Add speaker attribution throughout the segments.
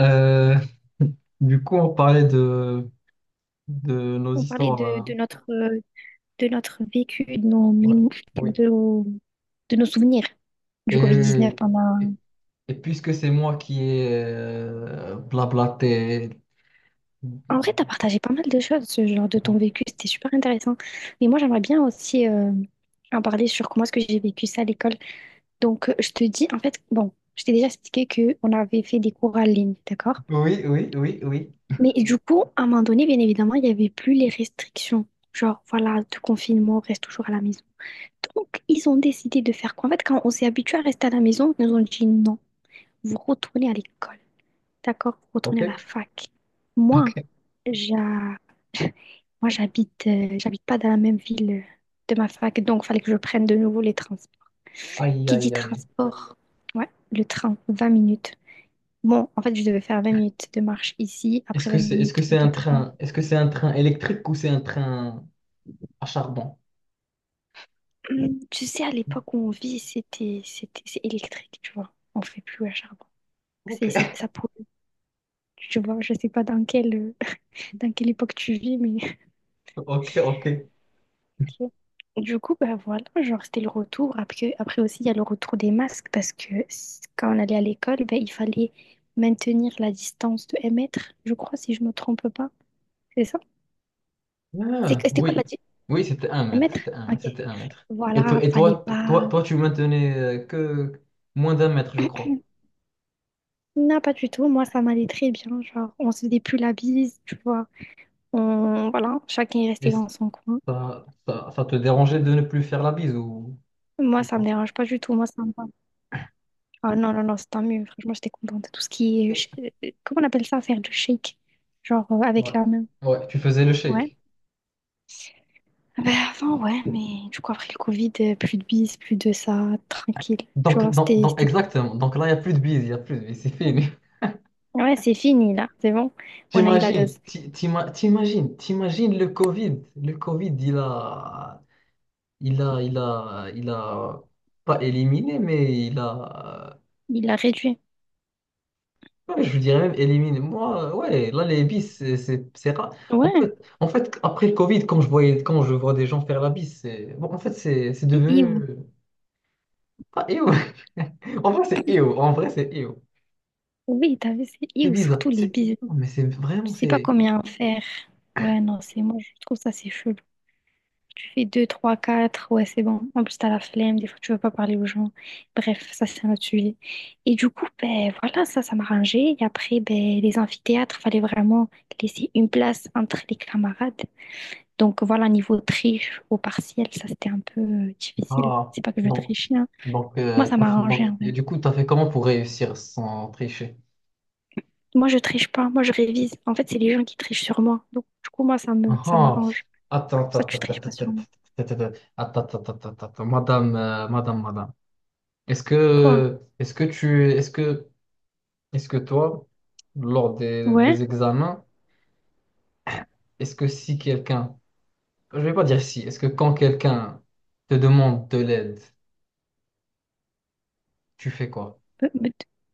Speaker 1: Euh, du coup, on parlait de nos
Speaker 2: On parlait
Speaker 1: histoires,
Speaker 2: de
Speaker 1: hein.
Speaker 2: notre, de notre vécu, de nos,
Speaker 1: Ouais,
Speaker 2: mémo-
Speaker 1: oui.
Speaker 2: de, nos- de nos souvenirs du Covid-19.
Speaker 1: Et, et, et puisque c'est moi qui ai blablaté.
Speaker 2: En vrai, tu as partagé pas mal de choses, ce genre de ton vécu, c'était super intéressant. Mais moi, j'aimerais bien aussi en parler sur comment est-ce que j'ai vécu ça à l'école. Donc, je te dis, en fait, bon, je t'ai déjà expliqué qu'on avait fait des cours en ligne, d'accord?
Speaker 1: Oui, oui, oui, oui.
Speaker 2: Mais du coup, à un moment donné, bien évidemment, il n'y avait plus les restrictions. Genre, voilà, de confinement, reste toujours à la maison. Donc, ils ont décidé de faire quoi? En fait, quand on s'est habitué à rester à la maison, ils nous ont dit non, vous retournez à l'école, d'accord? Vous retournez à la
Speaker 1: OK.
Speaker 2: fac. Moi,
Speaker 1: OK.
Speaker 2: j'a- moi j'habite j'habite pas dans la même ville de ma fac, donc il fallait que je prenne de nouveau les transports.
Speaker 1: Aïe,
Speaker 2: Qui dit
Speaker 1: aïe, aïe.
Speaker 2: transport? Ouais, le train, 20 minutes. Bon, en fait, je devais faire 20 minutes de marche ici, après 20
Speaker 1: Est-ce que
Speaker 2: minutes
Speaker 1: c'est
Speaker 2: de
Speaker 1: un
Speaker 2: train.
Speaker 1: train, est-ce que c'est un train électrique ou c'est un train à charbon?
Speaker 2: Tu sais, à l'époque où on vit, c'est électrique, tu vois. On fait plus à charbon.
Speaker 1: OK.
Speaker 2: Ça pollue. Tu vois, je sais pas dans quelle, dans quelle époque tu vis, mais
Speaker 1: OK, OK.
Speaker 2: ok. Du coup, bah voilà, genre c'était le retour. Après aussi, il y a le retour des masques parce que quand on allait à l'école, ben, il fallait maintenir la distance de 1 mètre, je crois, si je me trompe pas. C'est ça? C'est,
Speaker 1: Ah,
Speaker 2: que- c'était quoi
Speaker 1: oui,
Speaker 2: la distance?
Speaker 1: oui, c'était un
Speaker 2: 1
Speaker 1: mètre,
Speaker 2: mètre?
Speaker 1: c'était un,
Speaker 2: Ok.
Speaker 1: c'était un mètre. Et,
Speaker 2: Voilà,
Speaker 1: toi, et
Speaker 2: fallait
Speaker 1: toi, toi,
Speaker 2: pas.
Speaker 1: toi, tu maintenais que moins d'1 mètre, je crois.
Speaker 2: Non, pas du tout. Moi, ça m'allait très bien. Genre, on se faisait plus la bise, tu vois. Voilà, chacun est
Speaker 1: Et
Speaker 2: resté dans son coin.
Speaker 1: ça te dérangeait de ne plus faire la bise,
Speaker 2: Moi,
Speaker 1: ou
Speaker 2: ça me
Speaker 1: pas?
Speaker 2: dérange pas du tout. Moi, ça me va. Ah non, non, non, c'est tant mieux. Franchement, j'étais contente. Tout ce qui est.
Speaker 1: Et-
Speaker 2: Comment on appelle ça, faire du shake? Genre
Speaker 1: ouais,
Speaker 2: avec la main.
Speaker 1: ouais, tu faisais le
Speaker 2: Ouais.
Speaker 1: shake.
Speaker 2: Ah ben, avant, ouais, mais du coup, après le Covid, plus de bis, plus de ça, tranquille. Tu
Speaker 1: Donc,
Speaker 2: vois,
Speaker 1: donc,
Speaker 2: c'était...
Speaker 1: donc,
Speaker 2: c'était bien.
Speaker 1: exactement. Donc là, il n'y a plus de bise, il n'y a plus de bise, c'est fini.
Speaker 2: Ouais, c'est fini, là. C'est bon. On a eu la
Speaker 1: T'imagines,
Speaker 2: dose.
Speaker 1: ti- t'ima- t'imagines, t'imagines le Covid. Le Covid, il a pas éliminé, mais il a...
Speaker 2: Il l'a réduit.
Speaker 1: Ouais, je dirais même éliminer. Moi, ouais, là, les bis, c'est rare. En
Speaker 2: Ouais,
Speaker 1: fait, en fait, après le Covid, quand je vois des gens faire la bise, c'est, bon, en fait, c'est
Speaker 2: c'est
Speaker 1: devenu...
Speaker 2: iou.
Speaker 1: Ah, éo. En vrai, c'est éo. En vrai, c'est éo.
Speaker 2: Oui, t'as vu, c'est
Speaker 1: C'est
Speaker 2: iou.
Speaker 1: bizarre.
Speaker 2: Surtout les
Speaker 1: C'est...
Speaker 2: bis.
Speaker 1: non, mais c'est
Speaker 2: Je
Speaker 1: vraiment,
Speaker 2: sais pas
Speaker 1: c'est...
Speaker 2: combien en faire. Ouais, non, c'est moi, je trouve ça, c'est chelou. Tu fais 2 3 4 ouais, c'est bon. En plus, t'as la flemme, des fois, tu veux pas parler aux gens. Bref, ça, c'est un autre sujet. Et du coup, ben voilà, ça m'arrangeait. Et après, ben, les amphithéâtres, fallait vraiment laisser une place entre les camarades. Donc voilà, niveau triche au partiel, ça, c'était un peu difficile.
Speaker 1: Ah,
Speaker 2: C'est pas que je
Speaker 1: donc,
Speaker 2: trichais, hein.
Speaker 1: donc,
Speaker 2: Moi, ça
Speaker 1: t'as fait-
Speaker 2: m'arrangeait,
Speaker 1: donc,
Speaker 2: en vrai.
Speaker 1: du coup, t'as fait comment pour réussir sans tricher?
Speaker 2: Moi, je triche pas, moi, je révise. En fait, c'est les gens qui trichent sur moi. Donc, du coup, moi,
Speaker 1: Ah,
Speaker 2: ça
Speaker 1: ah.
Speaker 2: m'arrange.
Speaker 1: attends,
Speaker 2: Ça,
Speaker 1: attends,
Speaker 2: tu triches
Speaker 1: attends,
Speaker 2: pas sur
Speaker 1: attends,
Speaker 2: moi.
Speaker 1: attends, attends, attends, madame, madame.
Speaker 2: Quoi?
Speaker 1: Est-ce que tu, est-ce que Est-ce que toi, lors
Speaker 2: Ouais?
Speaker 1: des examens, est-ce que si quelqu'un, je vais pas dire si, est-ce que quand quelqu'un te demande de l'aide, tu fais quoi?
Speaker 2: Me, me-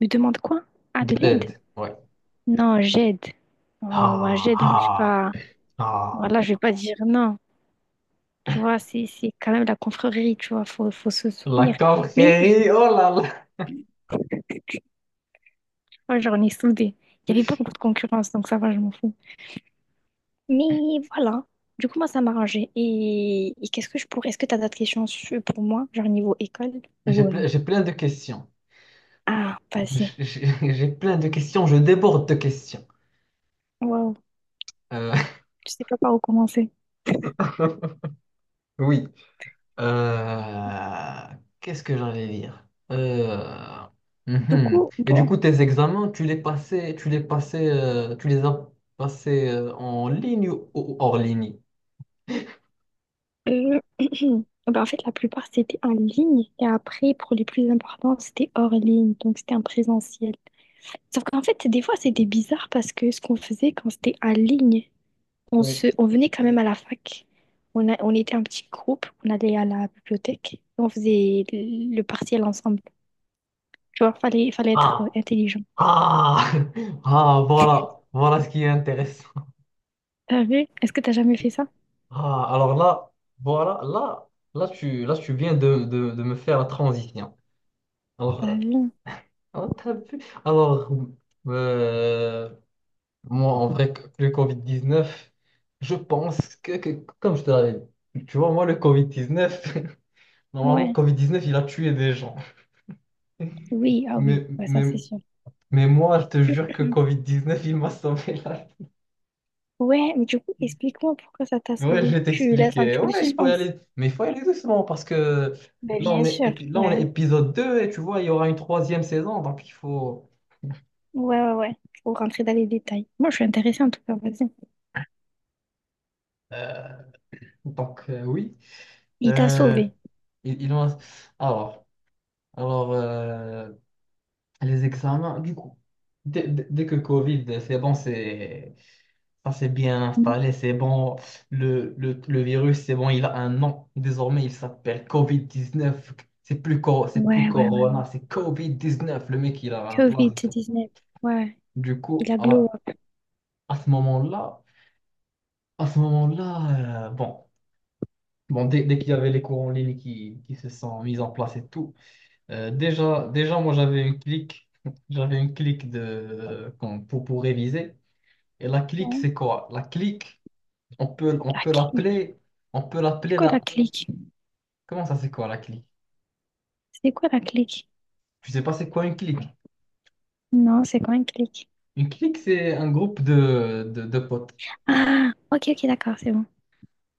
Speaker 2: me demande quoi? Ah,
Speaker 1: De
Speaker 2: de l'aide?
Speaker 1: l'aide, ouais.
Speaker 2: Non, j'aide. Oh, moi,
Speaker 1: Ah,
Speaker 2: j'aide. Moi, je suis
Speaker 1: ah,
Speaker 2: pas.
Speaker 1: ah.
Speaker 2: Voilà, je vais pas dire non. Tu vois, c'est quand même la confrérie, tu vois. Faut se
Speaker 1: La
Speaker 2: soutenir. Mais j-
Speaker 1: confrérie, oh là là.
Speaker 2: moi, j'en ai soudé. Il n'y avait pas beaucoup de concurrence, donc ça va, je m'en fous. Mais voilà. Du coup, moi, ça m'a arrangé. Et qu'est-ce que je pourrais. Est-ce que tu as d'autres questions pour moi, genre niveau école ou.
Speaker 1: J'ai plein de questions.
Speaker 2: Ah, vas-y.
Speaker 1: J'ai plein de questions, je déborde de questions.
Speaker 2: Waouh.
Speaker 1: Euh,
Speaker 2: Je sais pas par où commencer.
Speaker 1: oui. Euh, qu'est-ce que j'allais dire? Euh,
Speaker 2: Du
Speaker 1: mhm.
Speaker 2: coup,
Speaker 1: Et du
Speaker 2: bon.
Speaker 1: coup, tes examens, tu les as passés en ligne ou hors ligne?
Speaker 2: Euh, ben, en fait, la plupart, c'était en ligne. Et après, pour les plus importants, c'était hors ligne. Donc, c'était en présentiel. Sauf qu'en fait, des fois, c'était bizarre parce que ce qu'on faisait quand c'était en ligne,
Speaker 1: Oui.
Speaker 2: on venait quand même à la fac. On était un petit groupe. On allait à la bibliothèque et on faisait le partiel ensemble. Tu vois, fallait être
Speaker 1: Ah,
Speaker 2: intelligent.
Speaker 1: ah, ah, voilà, voilà ce qui est intéressant.
Speaker 2: T'as vu? Est-ce que t'as jamais fait ça?
Speaker 1: Ah, alors là, voilà, là, tu viens de, de me faire la transition. Alors,
Speaker 2: T'as vu?
Speaker 1: ah, t'as vu? Alors, euh, moi, en vrai, que- le Covid-19, je pense que- comme je te l'avais dit, tu vois, moi, le Covid-19, normalement,
Speaker 2: Ouais.
Speaker 1: Covid-19, il a tué des gens.
Speaker 2: Oui, ah oui.
Speaker 1: Mais,
Speaker 2: Ouais, ça,
Speaker 1: mais,
Speaker 2: c'est sûr.
Speaker 1: mais moi, je te jure que Covid-19, il m'a sauvé.
Speaker 2: Ouais, mais du coup, explique-moi pourquoi ça t'a
Speaker 1: Ouais, je
Speaker 2: sauvé.
Speaker 1: vais
Speaker 2: Tu laisses un
Speaker 1: t'expliquer.
Speaker 2: petit peu de
Speaker 1: Ouais, il faut y
Speaker 2: suspense.
Speaker 1: aller, mais il faut y aller doucement parce que
Speaker 2: Ben,
Speaker 1: là,
Speaker 2: bien sûr,
Speaker 1: là, on est
Speaker 2: ouais.
Speaker 1: épisode 2 et tu vois, il y aura une troisième saison, donc il faut...
Speaker 2: Ouais, ouais, ouais. Faut rentrer dans les détails. Moi, je suis intéressée en tout cas, vas-y.
Speaker 1: euh, donc, oui.
Speaker 2: Il t'a
Speaker 1: Euh,
Speaker 2: sauvé.
Speaker 1: il, il en- Alors, alors, les examens, du coup, dès que Covid, c'est bon, c'est, ça s'est bien
Speaker 2: Mhm.
Speaker 1: installé, c'est bon, le virus, c'est bon, il a un nom. Désormais, il s'appelle Covid-19. C'est plus, c'est plus
Speaker 2: Ouais, ouais, ouais.
Speaker 1: Corona, c'est Covid-19. Le mec, il a un blase
Speaker 2: covid
Speaker 1: et tout.
Speaker 2: dix-neuf. Ouais.
Speaker 1: Du
Speaker 2: Il
Speaker 1: coup,
Speaker 2: a glow
Speaker 1: à,
Speaker 2: up.
Speaker 1: à ce moment-là, à ce moment-là, bon, dès qu'il y avait les cours en ligne qui se sont mis en place et tout, euh, déjà, moi, j'avais une clique, j'avais une clique de, pour réviser. Et la clique,
Speaker 2: Non,
Speaker 1: c'est quoi? La clique, on peut, on
Speaker 2: la
Speaker 1: peut
Speaker 2: clique.
Speaker 1: l'appeler, on peut
Speaker 2: C'est
Speaker 1: l'appeler
Speaker 2: quoi
Speaker 1: la...
Speaker 2: la clique?
Speaker 1: Comment ça, c'est quoi la clique?
Speaker 2: C'est quoi la clique?
Speaker 1: Tu sais pas, c'est quoi une clique?
Speaker 2: Non, c'est quoi une clique?
Speaker 1: Une clique, c'est un groupe de, de potes.
Speaker 2: Ah, ok, ok, d'accord, c'est bon.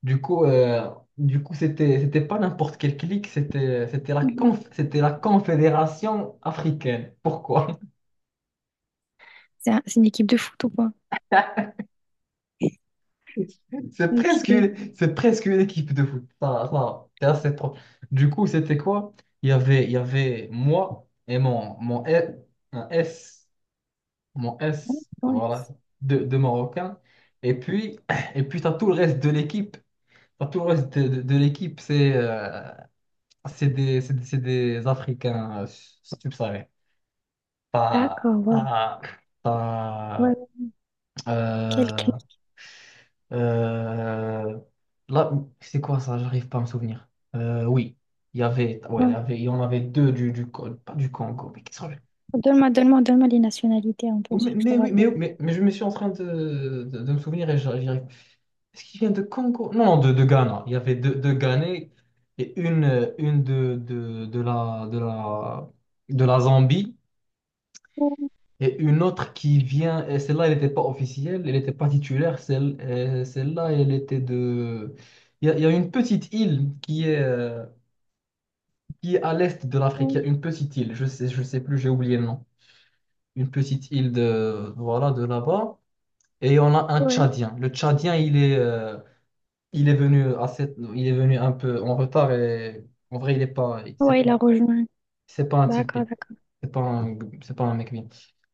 Speaker 1: Du coup, c'était pas n'importe quelle clique, c'était la
Speaker 2: Mhm.
Speaker 1: c'était la Confédération africaine. Pourquoi?
Speaker 2: C'est une équipe de foot ou pas?
Speaker 1: C'est presque,
Speaker 2: Ok,
Speaker 1: c'est presque une équipe de foot. Ça, c'est assez propre. Du coup, c'était quoi? Il y avait moi et mon S, un S, mon S,
Speaker 2: ouais.
Speaker 1: voilà, de Marocains. Et puis, et puis tu as tout le reste de l'équipe. T'as tout le reste de, de l'équipe, c'est des, c'est des Africains subsahariens. T'as,
Speaker 2: D'accord, wow.
Speaker 1: t'as,
Speaker 2: Ouais,
Speaker 1: t'as,
Speaker 2: ouais. Quelle
Speaker 1: euh,
Speaker 2: clique.
Speaker 1: euh, là, c'est quoi ça? J'arrive pas à me souvenir. Oui, il y
Speaker 2: Ouais.
Speaker 1: avait, il y en avait deux du, pas du Congo, mais qui sont...
Speaker 2: Donne-moi les nationalités un peu,
Speaker 1: Mais,
Speaker 2: si tu te
Speaker 1: mais oui, mais,
Speaker 2: rappelles.
Speaker 1: mais, mais je me suis en train de, de me souvenir et j'arrive... Est-ce qu'il vient de Congo? Non, de Ghana. Il y avait deux, deux Ghanais et une de, de la Zambie
Speaker 2: Ouais.
Speaker 1: et une autre qui vient. Et celle-là, elle n'était pas officielle, elle n'était pas titulaire. Celle, celle-là, elle était de... il y a une petite île qui est à l'est de l'Afrique. Il y a une petite île, je sais plus, j'ai oublié le nom. Une petite île de, voilà, de là-bas. Et on a un
Speaker 2: Ouais,
Speaker 1: Tchadien. Le Tchadien, il est... il est venu assez, il est venu un peu en retard et en vrai, il est pas,
Speaker 2: ouais,
Speaker 1: c'est
Speaker 2: il a
Speaker 1: pas,
Speaker 2: rejoint.
Speaker 1: c'est pas un type bien.
Speaker 2: D'accord, d'accord.
Speaker 1: C'est pas un, c'est pas un mec bien.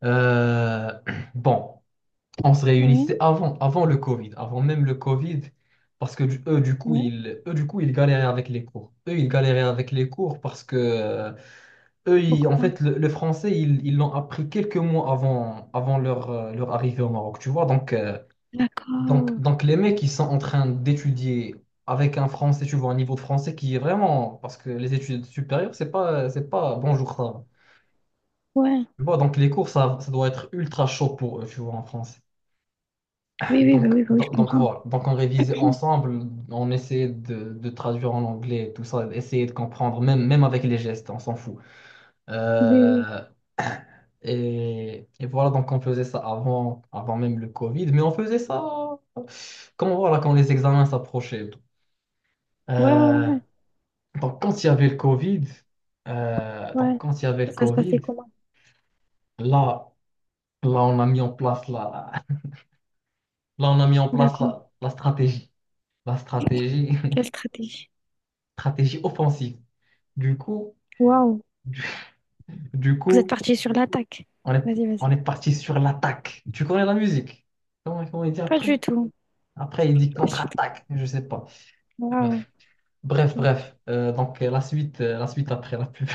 Speaker 1: Euh, bon, on se
Speaker 2: Ouais,
Speaker 1: réunissait avant, avant le Covid, avant même le Covid, parce que
Speaker 2: ouais.
Speaker 1: eux, du coup, ils galéraient avec les cours. Eux, ils galéraient avec les cours parce que en
Speaker 2: Pourquoi?
Speaker 1: fait, le français, ils l'ont appris quelques mois avant, avant leur, leur arrivée au Maroc, tu vois. Donc, euh, donc,
Speaker 2: D'accord.
Speaker 1: donc les mecs, ils sont en train d'étudier avec un français, tu vois, un niveau de français qui est vraiment... Parce que les études supérieures, c'est pas bonjour, ça va.
Speaker 2: Ouais.
Speaker 1: Tu vois, donc les cours, ça doit être ultra chaud pour eux, tu vois, en français.
Speaker 2: Oui, oui, bah
Speaker 1: Donc,
Speaker 2: oui, bah oui, je
Speaker 1: donc, donc
Speaker 2: comprends.
Speaker 1: voilà. Donc on révisait ensemble, on essayait de traduire en anglais, tout ça, essayer de comprendre, même avec les gestes, on s'en fout.
Speaker 2: Oui, oui.
Speaker 1: Euh, et voilà, donc on faisait ça avant, avant même le Covid, mais on faisait ça... quand voilà, quand les examens s'approchaient.
Speaker 2: Ouais, ouais,
Speaker 1: Euh,
Speaker 2: ouais.
Speaker 1: donc, quand il y avait le Covid, euh,
Speaker 2: Ouais.
Speaker 1: donc
Speaker 2: Ouais.
Speaker 1: quand il y avait
Speaker 2: Ça,
Speaker 1: le
Speaker 2: ça se passait
Speaker 1: Covid,
Speaker 2: comment?
Speaker 1: là, on a mis en place la, là, on a mis en place
Speaker 2: D'accord.
Speaker 1: la, la stratégie,
Speaker 2: Quelle stratégie?
Speaker 1: stratégie offensive. Du coup,
Speaker 2: Waouh.
Speaker 1: du, du
Speaker 2: Vous êtes
Speaker 1: coup,
Speaker 2: parti sur l'attaque.
Speaker 1: on est,
Speaker 2: Vas-y, vas-y.
Speaker 1: on est parti sur l'attaque. Tu connais la musique? Comment il dit
Speaker 2: Pas
Speaker 1: après?
Speaker 2: du tout.
Speaker 1: Après, il dit
Speaker 2: Pas du tout.
Speaker 1: contre-attaque, je sais pas.
Speaker 2: Waouh.
Speaker 1: Bref,
Speaker 2: Ok.
Speaker 1: bref. Donc, la suite après la pub.